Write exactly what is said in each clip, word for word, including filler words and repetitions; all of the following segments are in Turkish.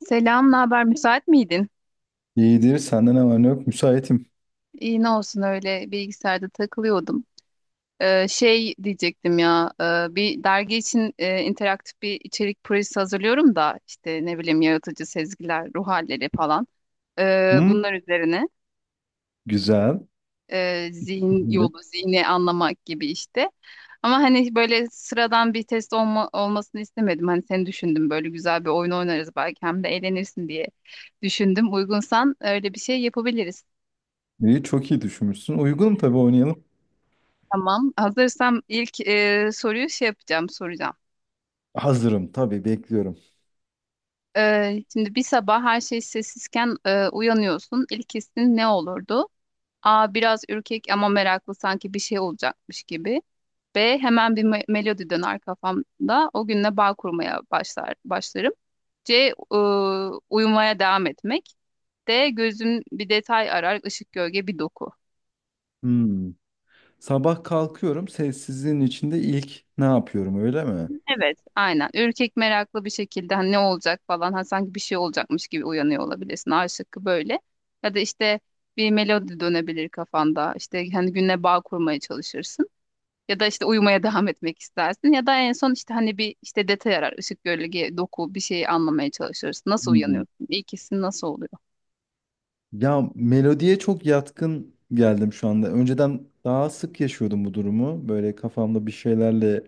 Selam, ne haber? Müsait miydin? İyidir. Sende ne var ne yok? Müsaitim. İyi ne olsun öyle bilgisayarda takılıyordum. Ee, şey diyecektim ya, e, bir dergi için e, interaktif bir içerik projesi hazırlıyorum da işte ne bileyim yaratıcı sezgiler, ruh halleri falan. Ee, Hı? bunlar üzerine Güzel. e, zihin Buyurun. yolu, zihni anlamak gibi işte. Ama hani böyle sıradan bir test olma, olmasını istemedim. Hani seni düşündüm böyle güzel bir oyun oynarız belki hem de eğlenirsin diye düşündüm. Uygunsan öyle bir şey yapabiliriz. İyi, çok iyi düşünmüşsün. Uygunum tabii oynayalım. Tamam. Hazırsam ilk e, soruyu şey yapacağım, soracağım. Hazırım tabii bekliyorum. E, şimdi bir sabah her şey sessizken e, uyanıyorsun. İlk hissin ne olurdu? A. Biraz ürkek ama meraklı sanki bir şey olacakmış gibi. B. Hemen bir me- melodi döner kafamda. O günle bağ kurmaya başlar başlarım. C. e, uyumaya devam etmek. D. Gözüm bir detay arar, ışık, gölge, bir doku. Hmm. Sabah kalkıyorum. Sessizliğin içinde ilk ne yapıyorum öyle mi? Evet, aynen. Ürkek meraklı bir şekilde hani ne olacak falan ha sanki bir şey olacakmış gibi uyanıyor olabilirsin. A şıkkı böyle. Ya da işte bir melodi dönebilir kafanda. İşte hani günle bağ kurmaya çalışırsın. Ya da işte uyumaya devam etmek istersin. Ya da en son işte hani bir işte detay arar. Işık, gölge, doku bir şeyi anlamaya çalışırsın. Nasıl Hmm. uyanıyorsun? İkisi nasıl oluyor? Ya melodiye çok yatkın geldim şu anda. Önceden daha sık yaşıyordum bu durumu. Böyle kafamda bir şeylerle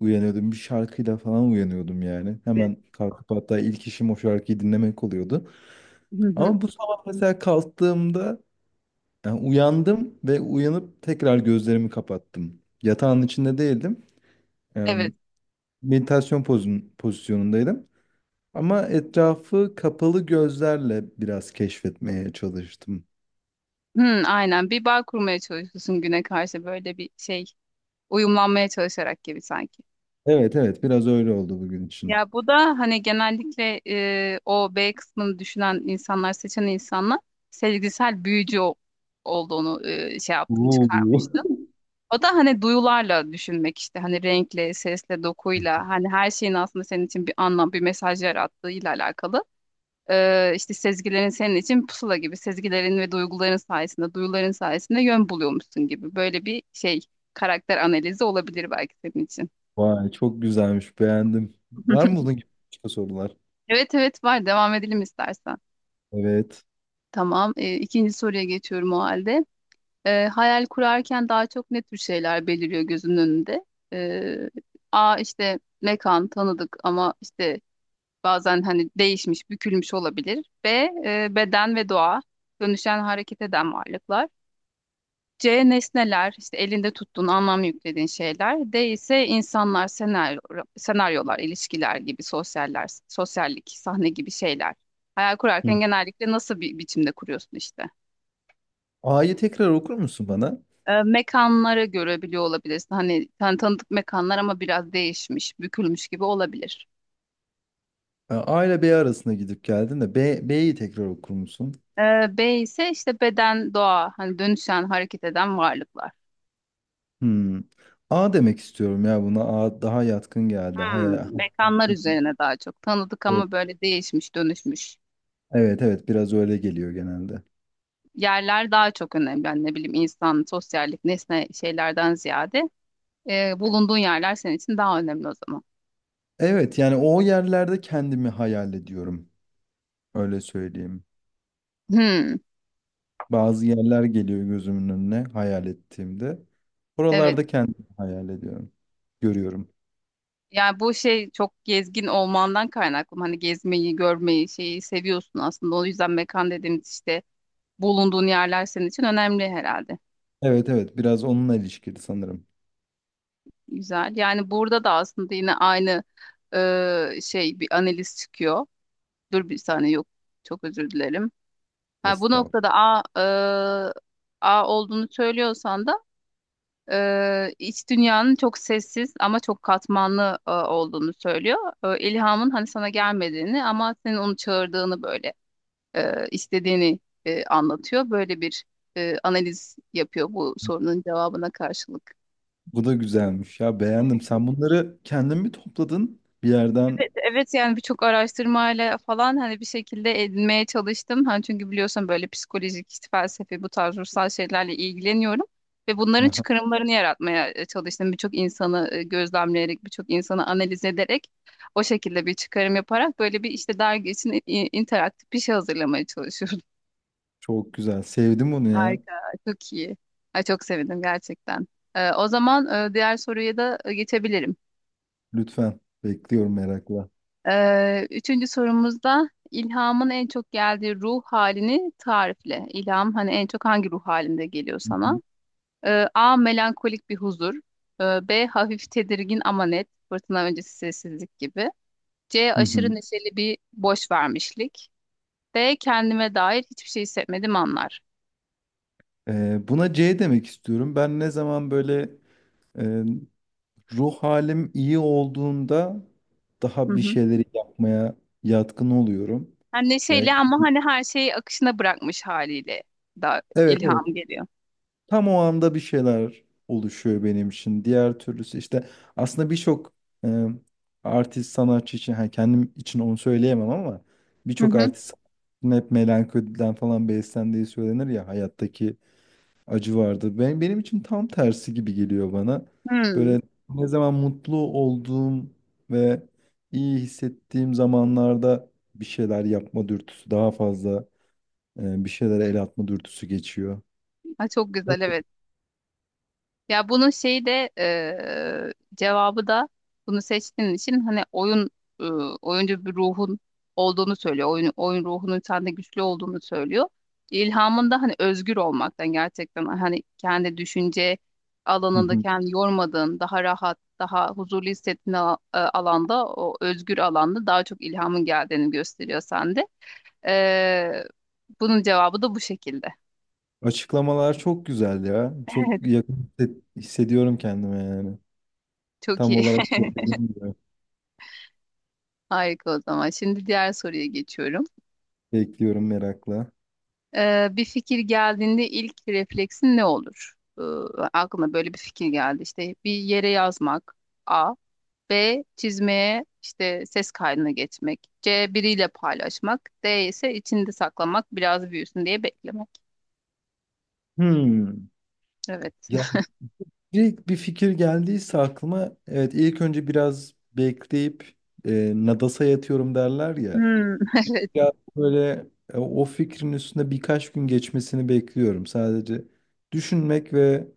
uyanıyordum. Bir şarkıyla falan uyanıyordum yani. Evet. Hemen kalkıp hatta ilk işim o şarkıyı dinlemek oluyordu. Hı hı. Ama bu sabah mesela kalktığımda yani uyandım ve uyanıp tekrar gözlerimi kapattım. Yatağın içinde değildim. Yani Evet. meditasyon pozun, pozisyonundaydım. Ama etrafı kapalı gözlerle biraz keşfetmeye çalıştım. Hı, aynen. Bir bağ kurmaya çalışıyorsun güne karşı böyle bir şey uyumlanmaya çalışarak gibi sanki. Evet evet, biraz öyle oldu bugün için. Ya bu da hani genellikle e, o B kısmını düşünen insanlar, seçen insanlar sezgisel büyücü o- olduğunu e, şey yaptım Oo. çıkarmıştım. O da hani duyularla düşünmek işte hani renkle, sesle, dokuyla hani her şeyin aslında senin için bir anlam, bir mesaj yarattığıyla alakalı. E, işte sezgilerin senin için pusula gibi sezgilerin ve duyguların sayesinde, duyuların sayesinde yön buluyormuşsun gibi böyle bir şey karakter analizi olabilir belki senin için. Vay çok güzelmiş beğendim. Var mı bunun gibi başka sorular? Evet evet var, devam edelim istersen. Evet. Tamam. E, ikinci soruya geçiyorum o halde. E, hayal kurarken daha çok ne tür şeyler beliriyor gözünün önünde? E, A işte mekan tanıdık ama işte bazen hani değişmiş, bükülmüş olabilir. B e, beden ve doğa, dönüşen hareket eden varlıklar. C nesneler, işte elinde tuttuğun anlam yüklediğin şeyler. D ise insanlar, senaryo, senaryolar, ilişkiler gibi sosyaller, sosyallik, sahne gibi şeyler. Hayal Hı. kurarken genellikle nasıl bir biçimde kuruyorsun işte? A'yı tekrar okur musun bana? e, mekanlara göre biliyor olabilirsin. Hani tan tanıdık mekanlar ama biraz değişmiş, bükülmüş gibi olabilir. A A ile B arasında gidip geldin de B, B'yi tekrar okur musun? E, B ise işte beden, doğa, hani dönüşen, hareket eden varlıklar. Hmm. A demek istiyorum ya buna. A daha yatkın geldi. Hmm, Hayal. mekanlar Çünkü üzerine daha çok. Tanıdık evet, ama böyle değişmiş, dönüşmüş. evet evet biraz öyle geliyor genelde. Yerler daha çok önemli. Yani ne bileyim insan, sosyallik, nesne şeylerden ziyade e, bulunduğun yerler senin için daha önemli o zaman. Evet yani o yerlerde kendimi hayal ediyorum. Öyle söyleyeyim. Hmm, Bazı yerler geliyor gözümün önüne hayal ettiğimde. evet. Oralarda kendimi hayal ediyorum. Görüyorum. Yani bu şey çok gezgin olmandan kaynaklı. Hani gezmeyi, görmeyi, şeyi seviyorsun aslında. O yüzden mekan dediğimiz işte bulunduğun yerler senin için önemli herhalde. Evet evet, biraz onunla ilişkili sanırım. Güzel. Yani burada da aslında yine aynı e, şey bir analiz çıkıyor. Dur bir saniye yok. Çok özür dilerim. Ha, bu Estağfurullah. noktada A, e, A olduğunu söylüyorsan da e, iç dünyanın çok sessiz ama çok katmanlı e, olduğunu söylüyor. E, ilhamın hani sana gelmediğini ama senin onu çağırdığını böyle e, istediğini e, anlatıyor. Böyle bir e, analiz yapıyor bu sorunun cevabına karşılık. Bu da güzelmiş ya beğendim. Sen bunları kendin mi topladın bir yerden? Evet yani birçok araştırmayla falan hani bir şekilde edinmeye çalıştım. Hani çünkü biliyorsun böyle psikolojik, işte felsefi bu tarz ruhsal şeylerle ilgileniyorum. Ve bunların Aha, çıkarımlarını yaratmaya e, çalıştım. Birçok insanı e, gözlemleyerek, birçok insanı analiz ederek o şekilde bir çıkarım yaparak böyle bir işte dergi için i- interaktif bir şey hazırlamaya çalışıyorum. çok güzel. Sevdim bunu ya. Harika, çok iyi. Ay, çok sevindim gerçekten. Ee, o zaman e, diğer soruya da e, geçebilirim. Lütfen. Bekliyorum merakla. Ee, üçüncü sorumuzda ilhamın en çok geldiği ruh halini tarifle. İlham hani en çok hangi ruh halinde geliyor Hı hı. sana? Ee, A. Melankolik bir huzur. Ee, B. Hafif tedirgin ama net. Fırtına öncesi sessizlik gibi. C. Hı hı. Aşırı neşeli bir boş vermişlik. D. Kendime dair hiçbir şey hissetmediğim anlar. Ee, buna C demek istiyorum. Ben ne zaman böyle e, ruh halim iyi olduğunda Hı daha bir hı. şeyleri yapmaya yatkın oluyorum. Hem Yani neşeyle ama hani her şeyi akışına bırakmış haliyle da evet ilham evet. geliyor. Tam o anda bir şeyler oluşuyor benim için. Diğer türlüsü işte aslında birçok e, artist sanatçı için ha kendim için onu söyleyemem ama Hı birçok hı. artist sanatçının hep melankoliden falan beslendiği söylenir ya hayattaki acı vardı. Ben, benim için tam tersi gibi geliyor bana. Hmm. Böyle ne zaman mutlu olduğum ve iyi hissettiğim zamanlarda bir şeyler yapma dürtüsü daha fazla, e, bir şeylere el atma dürtüsü geçiyor. Ha, çok Evet. güzel evet. Ya bunun şeyi de eee, cevabı da bunu seçtiğin için hani oyun eee, oyuncu bir ruhun olduğunu söylüyor. Oyun, oyun ruhunun sende güçlü olduğunu söylüyor. İlhamın da hani özgür olmaktan gerçekten hani kendi düşünce Hı alanında hı. kendini yormadığın, daha rahat, daha huzurlu hissettiğin ala- e, alanda, o özgür alanda daha çok ilhamın geldiğini gösteriyor sende. Eee, bunun cevabı da bu şekilde. Açıklamalar çok güzel ya. Çok Evet, yakın hisset- hissediyorum kendime yani. çok Tam iyi. olarak söylediğin gibi. Harika o zaman. Şimdi diğer soruya geçiyorum. Bekliyorum merakla. Ee, bir fikir geldiğinde ilk refleksin ne olur? Ee, aklına böyle bir fikir geldi. İşte bir yere yazmak. A. B. Çizmeye işte ses kaydına geçmek. C. Biriyle paylaşmak. D ise içinde saklamak, biraz büyüsün diye beklemek. Hmm. Evet. İlk bir fikir geldiyse aklıma evet ilk önce biraz bekleyip, e, nadasa yatıyorum derler ya. Hmm, Biraz böyle e, o fikrin üstünde birkaç gün geçmesini bekliyorum. Sadece düşünmek ve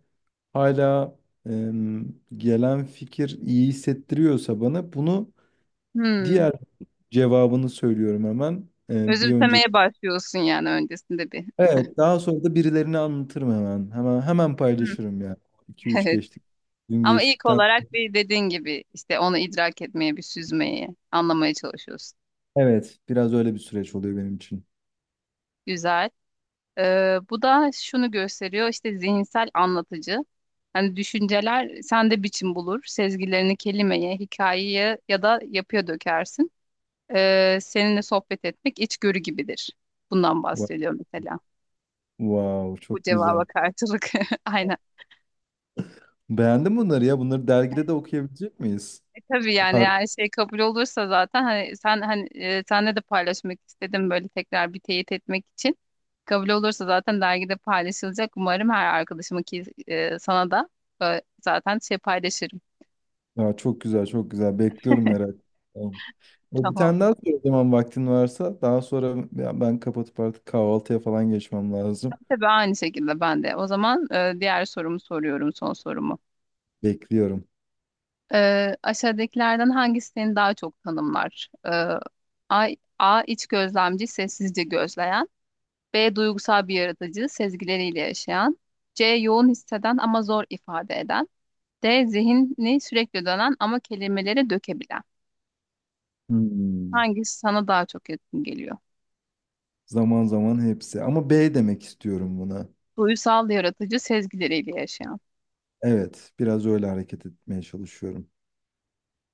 hala e, gelen fikir iyi hissettiriyorsa bana, bunu hmm. diğer cevabını söylüyorum hemen. E, bir önceki. Özümsemeye başlıyorsun yani öncesinde bir. Evet daha sonra da birilerine anlatırım hemen. Hemen hemen Hmm, paylaşırım yani. İki üç evet. geçtik gün Ama ilk geçtikten. olarak bir dediğin gibi işte onu idrak etmeye, bir süzmeye, anlamaya çalışıyorsun. Evet, biraz öyle bir süreç oluyor benim için. Güzel. Ee, bu da şunu gösteriyor işte zihinsel anlatıcı. Hani düşünceler sende biçim bulur. Sezgilerini kelimeye, hikayeye ya da yapıya dökersin. Ee, seninle sohbet etmek içgörü gibidir. Bundan Wa- bahsediyor mesela. Wow, Bu çok güzel. cevaba karşılık. Aynen. Beğendin bunları ya. Bunları dergide de okuyabilecek miyiz? E, tabii yani Far- her şey kabul olursa zaten hani sen hani e, senle de paylaşmak istedim böyle tekrar bir teyit etmek için. Kabul olursa zaten dergide paylaşılacak. Umarım her arkadaşıma ki e, sana da e, zaten şey paylaşırım. Aa, çok güzel, çok güzel. Bekliyorum merak. Tamam. E, Bir Tamam. tane daha sor o zaman vaktin varsa. Daha sonra ya ben kapatıp artık kahvaltıya falan geçmem lazım. Tabii aynı şekilde ben de. O zaman e, diğer sorumu soruyorum, son sorumu. Bekliyorum. E, aşağıdakilerden hangisi seni daha çok tanımlar? E, A, A iç gözlemci, sessizce gözleyen. B. Duygusal bir yaratıcı, sezgileriyle yaşayan. C. Yoğun hisseden ama zor ifade eden. D. Zihni sürekli dönen ama kelimelere dökebilen. Hmm. Hangisi sana daha çok yakın geliyor? Zaman zaman hepsi. Ama B demek istiyorum buna. Duygusal yaratıcı, sezgileriyle yaşayan. Evet, biraz öyle hareket etmeye çalışıyorum.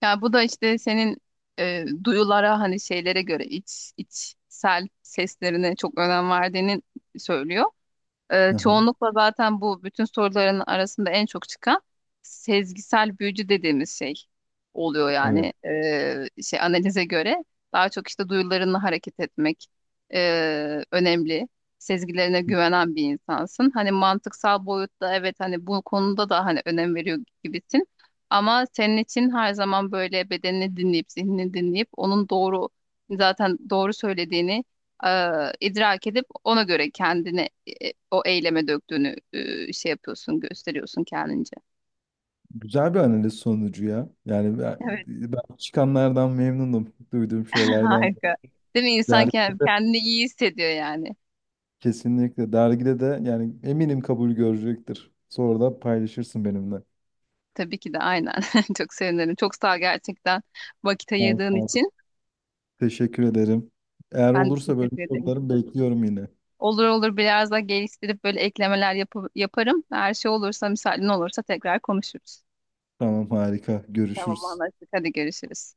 Yani bu da işte senin e, duyulara hani şeylere göre iç, içsel seslerine çok önem verdiğini söylüyor. Ee, Aha. çoğunlukla zaten bu bütün soruların arasında en çok çıkan sezgisel büyücü dediğimiz şey oluyor Evet. yani. Ee, şey analize göre daha çok işte duyularınla hareket etmek e, önemli. Sezgilerine güvenen bir insansın. Hani mantıksal boyutta evet hani bu konuda da hani önem veriyor gibisin. Ama senin için her zaman böyle bedenini dinleyip zihnini dinleyip onun doğru zaten doğru söylediğini e, idrak edip ona göre kendini e, o eyleme döktüğünü e, şey yapıyorsun, gösteriyorsun kendince. Güzel bir analiz sonucu ya. Yani ben, Evet, ben çıkanlardan memnunum. Duyduğum şeylerden. harika. Değil mi? İnsan kend- Dergide de kendini iyi hissediyor yani. kesinlikle. Dergide de yani eminim kabul görecektir. Sonra da paylaşırsın benimle. Tabii ki de aynen. Çok sevinirim. Çok sağ ol gerçekten vakit Tamam, ayırdığın tamam. için. Teşekkür ederim. Eğer Ben de olursa böyle teşekkür ederim. sorularım bekliyorum yine. Olur olur biraz daha geliştirip böyle eklemeler yapı- yaparım. Her şey olursa, müsaaden olursa tekrar konuşuruz. Tamam harika. Tamam Görüşürüz. anlaştık. Hadi görüşürüz.